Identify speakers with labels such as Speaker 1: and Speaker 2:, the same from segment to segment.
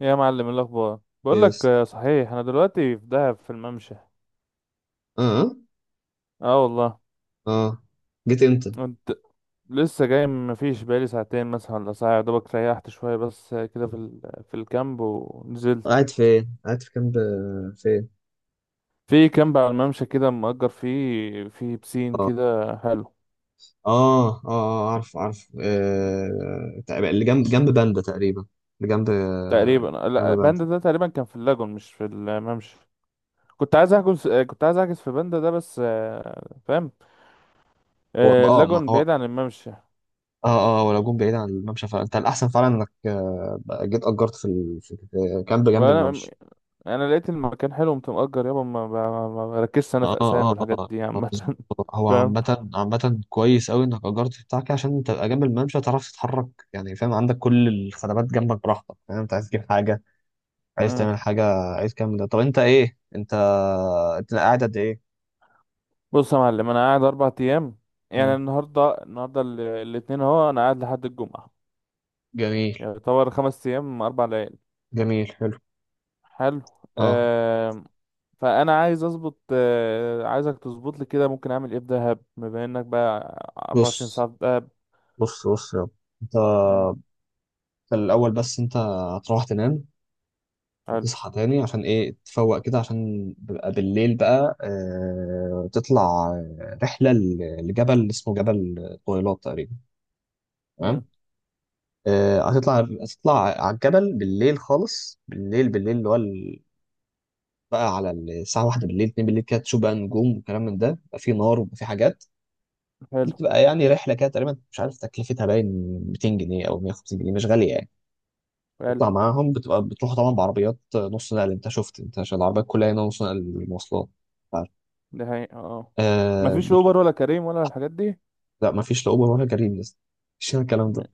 Speaker 1: يا معلم، إيه الاخبار؟ بقول
Speaker 2: إيه
Speaker 1: لك،
Speaker 2: يس-
Speaker 1: صحيح انا دلوقتي في دهب في الممشى.
Speaker 2: اه اه
Speaker 1: اه والله.
Speaker 2: آه. جيت امتى؟
Speaker 1: كنت لسه جاي، مفيش بقالي ساعتين مثلا ولا ساعه، يا دوبك ريحت شويه، بس كده في في الكامب ونزلت.
Speaker 2: قاعد فين؟ قاعد في كامب فين؟
Speaker 1: في كامب على الممشى كده، مأجر فيه، في بسين
Speaker 2: اه
Speaker 1: كده حلو.
Speaker 2: عارف عارف، تقريبا اللي جنب باندا، تقريبا اللي جنب،
Speaker 1: تقريبا
Speaker 2: جنب
Speaker 1: لا،
Speaker 2: باندا.
Speaker 1: باندا ده تقريبا كان في اللاجون مش في الممشى. كنت عايز احجز في باندا ده، بس فاهم.
Speaker 2: هو اه، ما
Speaker 1: اللاجون
Speaker 2: هو
Speaker 1: بعيد عن الممشى.
Speaker 2: اه اه ولو جون بعيد عن الممشى فانت الاحسن فعلا انك، بقى جيت اجرت في كامب جنب
Speaker 1: ولا،
Speaker 2: الممشى.
Speaker 1: انا لقيت المكان حلو قمت مأجر. يابا ما بركزش انا
Speaker 2: اه
Speaker 1: في اسامي
Speaker 2: اه
Speaker 1: والحاجات دي عامه
Speaker 2: بالظبط. هو
Speaker 1: فاهم.
Speaker 2: عامة عامة كويس أوي إنك أجرت بتاع كده عشان تبقى جنب الممشى تعرف تتحرك، يعني فاهم؟ عندك كل الخدمات جنبك براحتك، فاهم؟ أنت عايز تجيب حاجة، عايز
Speaker 1: امم.
Speaker 2: تعمل حاجة، عايز كام. ده طب أنت إيه؟ أنت أنت قاعد قد إيه؟
Speaker 1: بص يا معلم، انا قاعد 4 ايام. يعني
Speaker 2: مم.
Speaker 1: النهارده، الاتنين اهو، انا قاعد لحد الجمعه.
Speaker 2: جميل.
Speaker 1: يعني يعتبر 5 ايام 4 ليالي.
Speaker 2: جميل حلو.
Speaker 1: حلو.
Speaker 2: اه.
Speaker 1: آه. فانا عايز اظبط، عايزك تظبط لي كده، ممكن اعمل ايه في دهب بما انك بقى 24
Speaker 2: بص
Speaker 1: ساعه في دهب؟
Speaker 2: بص بص، يا رب. أنت
Speaker 1: مم،
Speaker 2: الأول بس أنت هتروح تنام
Speaker 1: حلو.
Speaker 2: وتصحى تاني، عشان ايه؟ تفوق كده، عشان بيبقى بالليل بقى آه تطلع، رحلة لجبل اسمه جبل طويلات تقريبا،
Speaker 1: مم،
Speaker 2: تمام. هتطلع، هتطلع على الجبل بالليل خالص، بالليل بالليل، اللي هو بقى على الساعة واحدة بالليل، اتنين بالليل كده، تشوف بقى نجوم وكلام من ده، بيبقى في نار وبيبقى في حاجات. دي
Speaker 1: حلو.
Speaker 2: بتبقى يعني رحلة كده، تقريبا مش عارف تكلفتها، باين 200 جنيه أو 150 جنيه، مش غالية يعني.
Speaker 1: حلو
Speaker 2: تطلع معاهم، بتبقى بتروح طبعا بعربيات نص نقل، انت شفت، انت عشان العربيات كلها هنا نص نقل المواصلات.
Speaker 1: ده. حقيقة اه.
Speaker 2: آه
Speaker 1: مفيش
Speaker 2: بت...
Speaker 1: اوبر ولا كريم ولا الحاجات دي.
Speaker 2: لا مفيش لا اوبر ولا كريم لسه، مفيش هنا الكلام
Speaker 1: م-
Speaker 2: ده.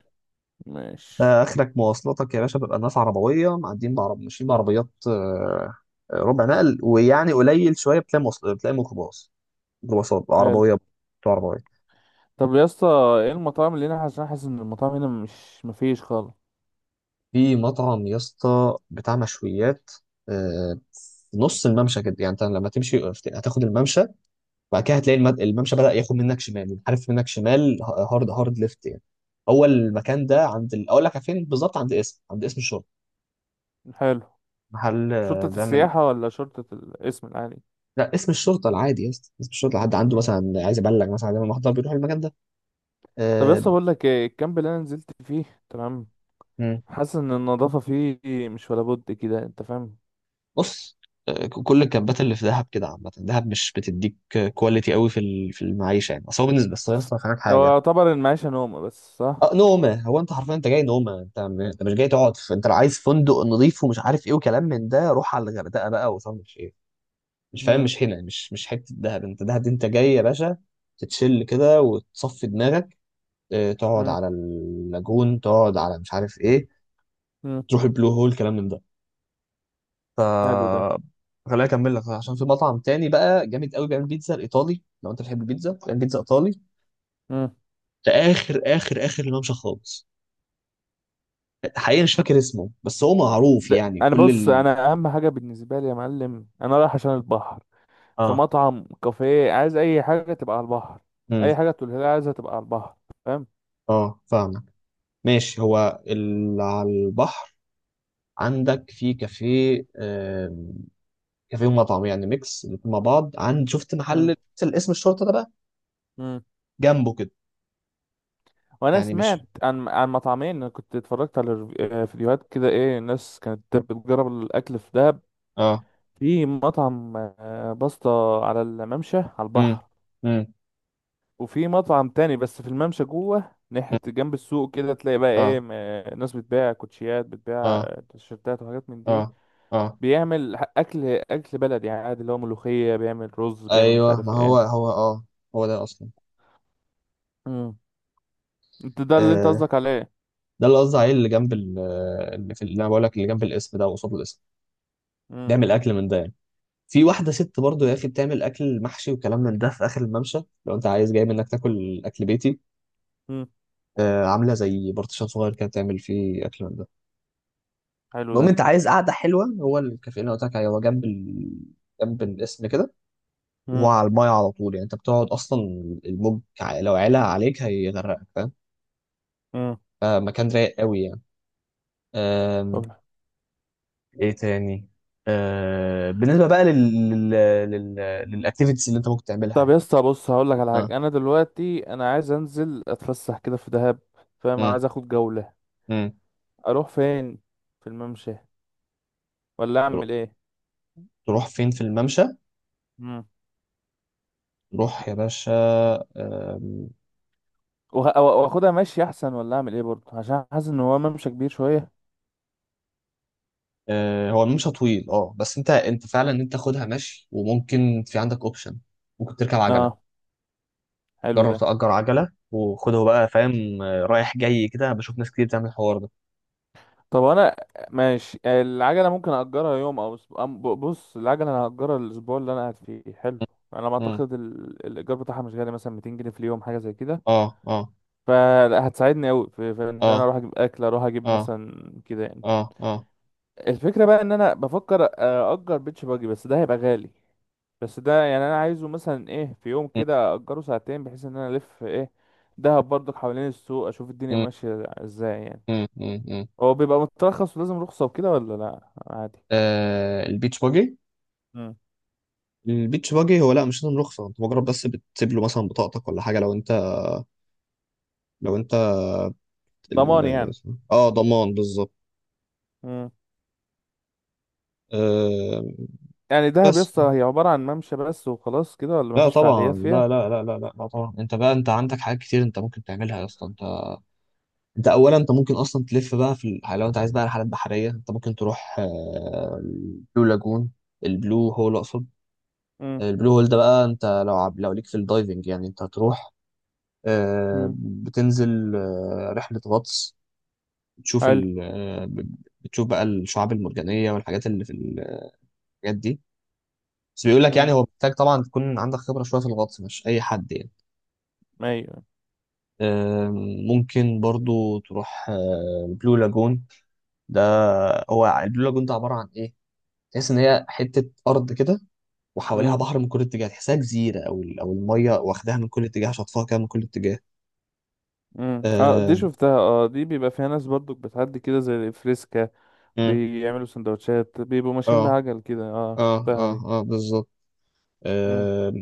Speaker 1: ماشي.
Speaker 2: اخرك مواصلاتك يا باشا بيبقى الناس عربويه معديين، بعرب ماشيين بعربيات، ربع نقل، ويعني قليل شويه بتلاقي بتلاقي ميكروباص، ميكروباصات
Speaker 1: حلو.
Speaker 2: عربويه بتوع عربويه.
Speaker 1: طب يا اسطى، ايه المطاعم اللي هنا؟ عشان حاسس ان المطاعم هنا مش مفيش خالص.
Speaker 2: في مطعم يا اسطى بتاع مشويات، آه في نص الممشى كده، يعني انت لما تمشي هتاخد الممشى، وبعد كده هتلاقي الممشى بدأ ياخد منك شمال، عارف، منك شمال، هارد هارد ليفت يعني. هو المكان ده اقول لك فين بالظبط، عند اسم، عند اسم الشرطه،
Speaker 1: حلو.
Speaker 2: محل
Speaker 1: شرطة
Speaker 2: بيعمل.
Speaker 1: السياحة ولا شرطة الاسم العالي؟
Speaker 2: لا اسم الشرطه العادي يا اسطى، اسم الشرطه حد عنده
Speaker 1: مم.
Speaker 2: مثلا عايز يبلغ، مثلا عايز يعمل محضر بيروح المكان ده.
Speaker 1: طب يا
Speaker 2: آه،
Speaker 1: اسطى، بقول لك ايه، الكامب اللي انا نزلت فيه تمام،
Speaker 2: مم.
Speaker 1: حاسس ان النظافة فيه مش ولا بد كده، انت فاهم.
Speaker 2: بص، كل الكامبات اللي في دهب كده عامه، دهب مش بتديك كواليتي قوي في المعيشه يعني. اصل هو بالنسبه، بس يا اسطى هناك
Speaker 1: هو
Speaker 2: حاجه،
Speaker 1: يعتبر المعيشة نومة بس،
Speaker 2: اه
Speaker 1: صح؟
Speaker 2: نومه. هو انت حرفيا انت جاي نومه، انت مش جاي تقعد في، انت لو عايز فندق نظيف ومش عارف ايه وكلام من ده روح على الغردقه بقى، وصل مش ايه، مش فاهم،
Speaker 1: مم.
Speaker 2: مش هنا، مش حته دهب. انت دهب دي انت جاي يا باشا تتشل كده وتصفي دماغك، تقعد
Speaker 1: مم.
Speaker 2: على اللاجون، تقعد على مش عارف ايه،
Speaker 1: مم.
Speaker 2: تروح البلو هول، كلام من ده. ف
Speaker 1: حلو ده.
Speaker 2: خليني اكمل لك، عشان في مطعم تاني بقى جامد قوي بيعمل بيتزا الايطالي، لو انت بتحب البيتزا بيعمل بيتزا ايطالي.
Speaker 1: مم.
Speaker 2: ده اخر اخر اخر الممشى خالص، حقيقي مش فاكر اسمه بس هو معروف
Speaker 1: ده
Speaker 2: يعني
Speaker 1: انا، بص، انا اهم حاجة بالنسبة لي يا معلم، انا رايح عشان البحر. في
Speaker 2: اه.
Speaker 1: مطعم، كافيه، عايز اي حاجة تبقى على البحر.
Speaker 2: امم.
Speaker 1: اي حاجة تقولها لي عايزها تبقى على البحر، فاهم.
Speaker 2: اه فاهمك، ماشي. هو اللي على البحر عندك في كافيه، كافيه ومطعم يعني ميكس الاتنين مع بعض، عند، شفت محل الاسم الشرطه ده بقى،
Speaker 1: مم.
Speaker 2: جنبه كده
Speaker 1: وانا
Speaker 2: يعني. مش
Speaker 1: سمعت عن مطعمين، انا كنت اتفرجت على فيديوهات كده، ايه الناس كانت بتجرب الاكل في دهب.
Speaker 2: اه،
Speaker 1: في مطعم باستا، على الممشى على
Speaker 2: امم.
Speaker 1: البحر.
Speaker 2: امم،
Speaker 1: وفي مطعم تاني بس في الممشى جوه، ناحية جنب السوق كده، تلاقي بقى ايه
Speaker 2: اه
Speaker 1: ناس بتبيع كوتشيات، بتبيع
Speaker 2: اه
Speaker 1: تيشيرتات وحاجات من دي.
Speaker 2: اه اه.
Speaker 1: بيعمل اكل بلدي عادي، اللي هو ملوخية، بيعمل رز، بيعمل مش
Speaker 2: ايوه
Speaker 1: عارف
Speaker 2: ما هو
Speaker 1: ايه.
Speaker 2: هو اه، هو ده اصلا.
Speaker 1: مم. انت ده اللي انت
Speaker 2: آه،
Speaker 1: قصدك عليه؟
Speaker 2: ده اللي قصدي عليه، اللي اللي في، اللي انا بقول لك، اللي جنب الاسم ده قصاد الاسم،
Speaker 1: مم.
Speaker 2: بيعمل اكل من ده يعني. في واحده ست برضو يا اخي بتعمل اكل محشي وكلام من ده في اخر الممشى، لو انت عايز جاي منك تاكل اكل بيتي،
Speaker 1: مم.
Speaker 2: عامله زي بارتيشن صغير كده بتعمل فيه اكل من ده.
Speaker 1: حلو
Speaker 2: المهم
Speaker 1: ده.
Speaker 2: انت عايز قعده حلوه، هو الكافيه اللي أنا قلت لك عليه هو جنب الاسم كده،
Speaker 1: مم.
Speaker 2: وعلى المايه على طول، يعني انت بتقعد اصلا، لو علا عليك هيغرقك، فاهم؟
Speaker 1: مم.
Speaker 2: فمكان رايق قوي يعني.
Speaker 1: طب،
Speaker 2: أم... ايه تاني؟ بالنسبه بقى لل لل لل للاكتيفيتيز اللي انت ممكن تعملها
Speaker 1: طب
Speaker 2: يعني.
Speaker 1: يا اسطى، بص، هقول لك على
Speaker 2: اه،
Speaker 1: حاجه، انا دلوقتي انا عايز انزل اتفسح كده في دهب، فاهم،
Speaker 2: امم،
Speaker 1: عايز اخد جوله.
Speaker 2: امم.
Speaker 1: اروح فين؟ في الممشى ولا
Speaker 2: ترو-
Speaker 1: اعمل ايه؟
Speaker 2: تروح فين في الممشى؟
Speaker 1: امم.
Speaker 2: تروح يا باشا. أم...
Speaker 1: واخدها ماشي احسن ولا اعمل ايه برضه؟ عشان حاسس ان هو ممشى كبير شويه.
Speaker 2: هو الممشى طويل اه، بس انت فعلا انت تاخدها مشي، وممكن في عندك اوبشن، ممكن تركب عجله.
Speaker 1: اه. حلو
Speaker 2: جرب
Speaker 1: ده.
Speaker 2: تأجر عجله وخده بقى، فاهم؟ رايح جاي كده، بشوف ناس كتير بتعمل الحوار ده.
Speaker 1: طب انا ماشي، العجله ممكن اجرها يوم او اسبوع؟ بص، العجله انا هاجرها الاسبوع اللي انا قاعد فيه، حلو. انا ما
Speaker 2: مم.
Speaker 1: اعتقد الايجار بتاعها مش غالي، مثلا 200 جنيه في اليوم، حاجه زي كده.
Speaker 2: اه اه
Speaker 1: فهتساعدني قوي في ان انا
Speaker 2: اه
Speaker 1: اروح اجيب اكل، اروح اجيب
Speaker 2: اه
Speaker 1: مثلا كده يعني.
Speaker 2: اه اه.
Speaker 1: الفكرة بقى ان انا بفكر اجر بيتش باجي، بس ده هيبقى غالي. بس ده يعني انا عايزه مثلا ايه، في يوم
Speaker 2: مم.
Speaker 1: كده اجره ساعتين، بحيث ان انا الف ايه دهب برضك حوالين السوق، اشوف الدنيا
Speaker 2: مم.
Speaker 1: ماشية ازاي يعني.
Speaker 2: مم. مم. مم.
Speaker 1: هو بيبقى مترخص ولازم رخصة وكده ولا لا عادي؟
Speaker 2: البيتش باجي.
Speaker 1: مم.
Speaker 2: البيتش باجي هو لا مش لازم رخصة، انت مجرد بس بتسيب له مثلا بطاقتك ولا حاجة، لو انت، لو انت
Speaker 1: ضمان
Speaker 2: ال-
Speaker 1: يعني.
Speaker 2: اه ضمان بالظبط.
Speaker 1: مم.
Speaker 2: آه.
Speaker 1: يعني دهب
Speaker 2: بس
Speaker 1: يسطا هي عبارة عن ممشى بس وخلاص كده، ولا
Speaker 2: لا
Speaker 1: مفيش
Speaker 2: طبعا،
Speaker 1: فعاليات فيها؟
Speaker 2: لا لا لا لا لا لا طبعا، انت بقى انت عندك حاجات كتير انت ممكن تعملها يا اسطى. انت اولا انت ممكن اصلا تلف بقى لو انت عايز بقى رحلات بحريه، انت ممكن تروح البلو لاجون، البلو هول اقصد.
Speaker 1: مم.
Speaker 2: البلو هول ده بقى انت لو عب، لو ليك في الدايفنج يعني، انت هتروح
Speaker 1: مم.
Speaker 2: بتنزل رحلة غطس، بتشوف
Speaker 1: حلو.
Speaker 2: ال آه، ب- بتشوف بقى الشعاب المرجانية والحاجات اللي في الحاجات دي. بس بيقول لك يعني
Speaker 1: مم.
Speaker 2: هو محتاج طبعا تكون عندك خبرة شوية في الغطس، مش أي حد يعني.
Speaker 1: ايوه.
Speaker 2: آم، ممكن برضو تروح، البلو لاجون ده، هو البلو لاجون ده عبارة عن إيه؟ تحس إن هي حتة أرض كده، وحواليها
Speaker 1: مم.
Speaker 2: بحر من كل اتجاه، تحسها جزيرة، أو أو المية واخداها من كل اتجاه، شاطفاها كده من كل اتجاه.
Speaker 1: مم. اه
Speaker 2: آه،
Speaker 1: دي شفتها، اه دي بيبقى فيها ناس برضو بتعدي كده زي الفريسكا،
Speaker 2: مم.
Speaker 1: بيعملوا سندوتشات، بيبقوا ماشيين
Speaker 2: اه
Speaker 1: بعجل كده. اه
Speaker 2: اه
Speaker 1: شفتها
Speaker 2: اه
Speaker 1: دي.
Speaker 2: اه بالظبط.
Speaker 1: امم.
Speaker 2: آه.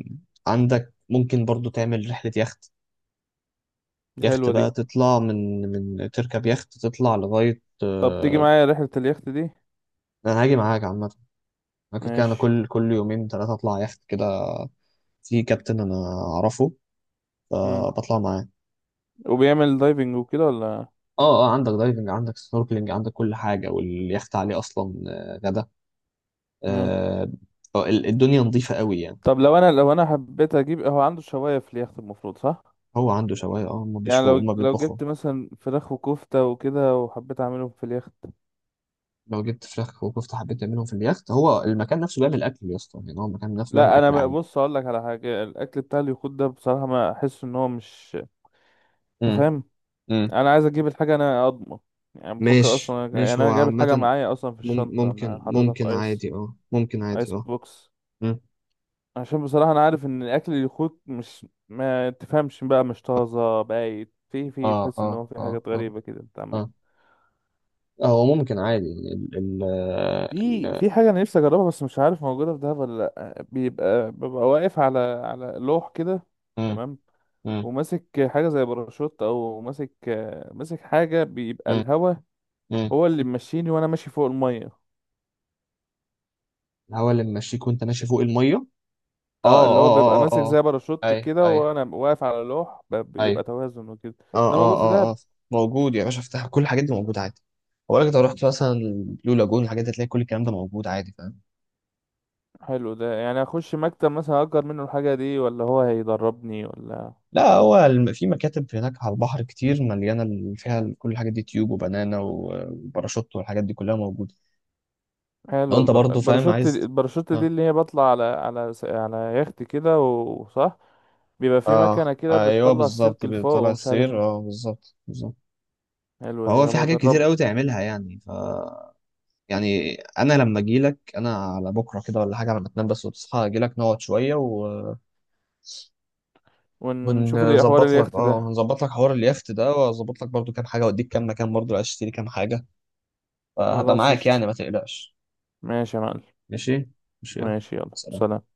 Speaker 2: عندك ممكن برضو تعمل رحلة يخت. يخت
Speaker 1: حلوة دي.
Speaker 2: بقى تطلع من تركب يخت تطلع لغاية
Speaker 1: طب تيجي
Speaker 2: آه.
Speaker 1: معايا رحلة اليخت دي؟
Speaker 2: انا هاجي معاك عامة، انا كنت كده انا
Speaker 1: ماشي.
Speaker 2: كل يومين ثلاثة اطلع يخت كده. في كابتن انا اعرفه،
Speaker 1: امم.
Speaker 2: فبطلع معاه.
Speaker 1: وبيعمل دايفنج وكده ولا؟
Speaker 2: اه اه، عندك دايفنج، عندك سنوركلينج، عندك كل حاجة، واليخت عليه اصلا غدا.
Speaker 1: امم.
Speaker 2: آه الدنيا نظيفة قوي يعني.
Speaker 1: طب لو انا، حبيت اجيب، هو عنده شواية في اليخت المفروض، صح؟
Speaker 2: هو عنده شواية اه، هم
Speaker 1: يعني
Speaker 2: بيشوا
Speaker 1: لو
Speaker 2: هم
Speaker 1: لو
Speaker 2: بيطبخوا.
Speaker 1: جبت مثلا فراخ وكفتة وكده، وحبيت اعملهم في اليخت.
Speaker 2: لو جبت فراخ وكفته حبيت تعملهم في اليخت، هو المكان نفسه بيعمل اكل يا اسطى يعني، هو المكان نفسه بيعمل
Speaker 1: لا،
Speaker 2: اكل عادي.
Speaker 1: بص، اقول لك على حاجة، الاكل بتاع اليخوت ده بصراحة ما احس ان هو مش، انت
Speaker 2: امم.
Speaker 1: فاهم،
Speaker 2: امم.
Speaker 1: انا عايز اجيب الحاجه انا اضمن. يعني بفكر
Speaker 2: ماشي
Speaker 1: اصلا، يعني
Speaker 2: ماشي. هو
Speaker 1: انا جايب الحاجه
Speaker 2: عامة،
Speaker 1: معايا اصلا في الشنطه، انا
Speaker 2: ممكن
Speaker 1: حاططها في
Speaker 2: ممكن
Speaker 1: ايس،
Speaker 2: عادي اه، ممكن عادي
Speaker 1: ايس
Speaker 2: اه.
Speaker 1: بوكس.
Speaker 2: امم.
Speaker 1: عشان بصراحه انا عارف ان الاكل اللي يخوت مش، ما تفهمش بقى، مش طازه، بايت، في
Speaker 2: اه
Speaker 1: تحس
Speaker 2: اه
Speaker 1: ان هو في
Speaker 2: اه
Speaker 1: حاجات
Speaker 2: اه
Speaker 1: غريبه كده انت عمال.
Speaker 2: اه. هو ممكن عادي ال ال
Speaker 1: في
Speaker 2: ال
Speaker 1: في حاجه انا نفسي اجربها بس مش عارف موجوده في دهب ولا لا. بيبقى واقف على لوح كده،
Speaker 2: امم.
Speaker 1: تمام.
Speaker 2: امم.
Speaker 1: وماسك حاجه زي باراشوت، او ماسك، ماسك حاجه بيبقى
Speaker 2: امم.
Speaker 1: الهوا
Speaker 2: امم.
Speaker 1: هو اللي ماشيني وانا ماشي فوق الميه.
Speaker 2: الهواء اللي ممشيك وانت ماشي فوق المية؟ اه
Speaker 1: اه اللي هو بيبقى
Speaker 2: اه اه
Speaker 1: ماسك
Speaker 2: اه
Speaker 1: زي
Speaker 2: اه.
Speaker 1: باراشوت
Speaker 2: اي
Speaker 1: كده،
Speaker 2: اي
Speaker 1: وانا واقف على لوح
Speaker 2: اي.
Speaker 1: بيبقى توازن وكده.
Speaker 2: اه
Speaker 1: ده موجود
Speaker 2: اه
Speaker 1: في
Speaker 2: اه
Speaker 1: دهب؟
Speaker 2: اه. موجود يا باشا، افتح، كل الحاجات دي موجودة عادي. هقول لك لو رحت مثلا البلو لاجون الحاجات دي هتلاقي كل الكلام ده موجود عادي، فاهم؟
Speaker 1: حلو ده، يعني اخش مكتب مثلا اجر منه الحاجه دي، ولا هو هيدربني ولا؟
Speaker 2: لا هو في مكاتب هناك على البحر كتير مليانة فيها كل الحاجات دي، تيوب وبنانا وباراشوت، والحاجات دي كلها موجودة. لو
Speaker 1: حلو،
Speaker 2: انت برضه فاهم
Speaker 1: الباراشوت
Speaker 2: عايز،
Speaker 1: الباراشوت دي
Speaker 2: اه
Speaker 1: اللي هي بطلع على على يخت كده، وصح؟ بيبقى في
Speaker 2: اه،
Speaker 1: مكنه كده
Speaker 2: ايوه
Speaker 1: بتطلع
Speaker 2: بالظبط
Speaker 1: السلك لفوق
Speaker 2: بيطلع
Speaker 1: ومش عارف
Speaker 2: السير،
Speaker 1: ايه.
Speaker 2: اه بالظبط بالظبط.
Speaker 1: حلو دي
Speaker 2: فهو في
Speaker 1: يابا،
Speaker 2: حاجات كتير
Speaker 1: اجربها.
Speaker 2: قوي تعملها يعني. يعني انا لما اجي لك انا على بكره كده ولا حاجه، لما تنام بس وتصحى اجي لك نقعد شويه و...
Speaker 1: ونشوف الحوار
Speaker 2: ونظبط لك
Speaker 1: اليخت
Speaker 2: اه،
Speaker 1: ده.
Speaker 2: هنظبط لك حوار اليخت ده، واظبط لك برضو كام حاجه، واديك كام مكان، برضو عايز تشتري كام حاجه. فهبقى
Speaker 1: خلاص
Speaker 2: معاك يعني،
Speaker 1: قشطة.
Speaker 2: ما تقلقش.
Speaker 1: ماشي يا معلم.
Speaker 2: ماشي. ماشي يلا
Speaker 1: ماشي، يلا،
Speaker 2: سلام.
Speaker 1: سلام.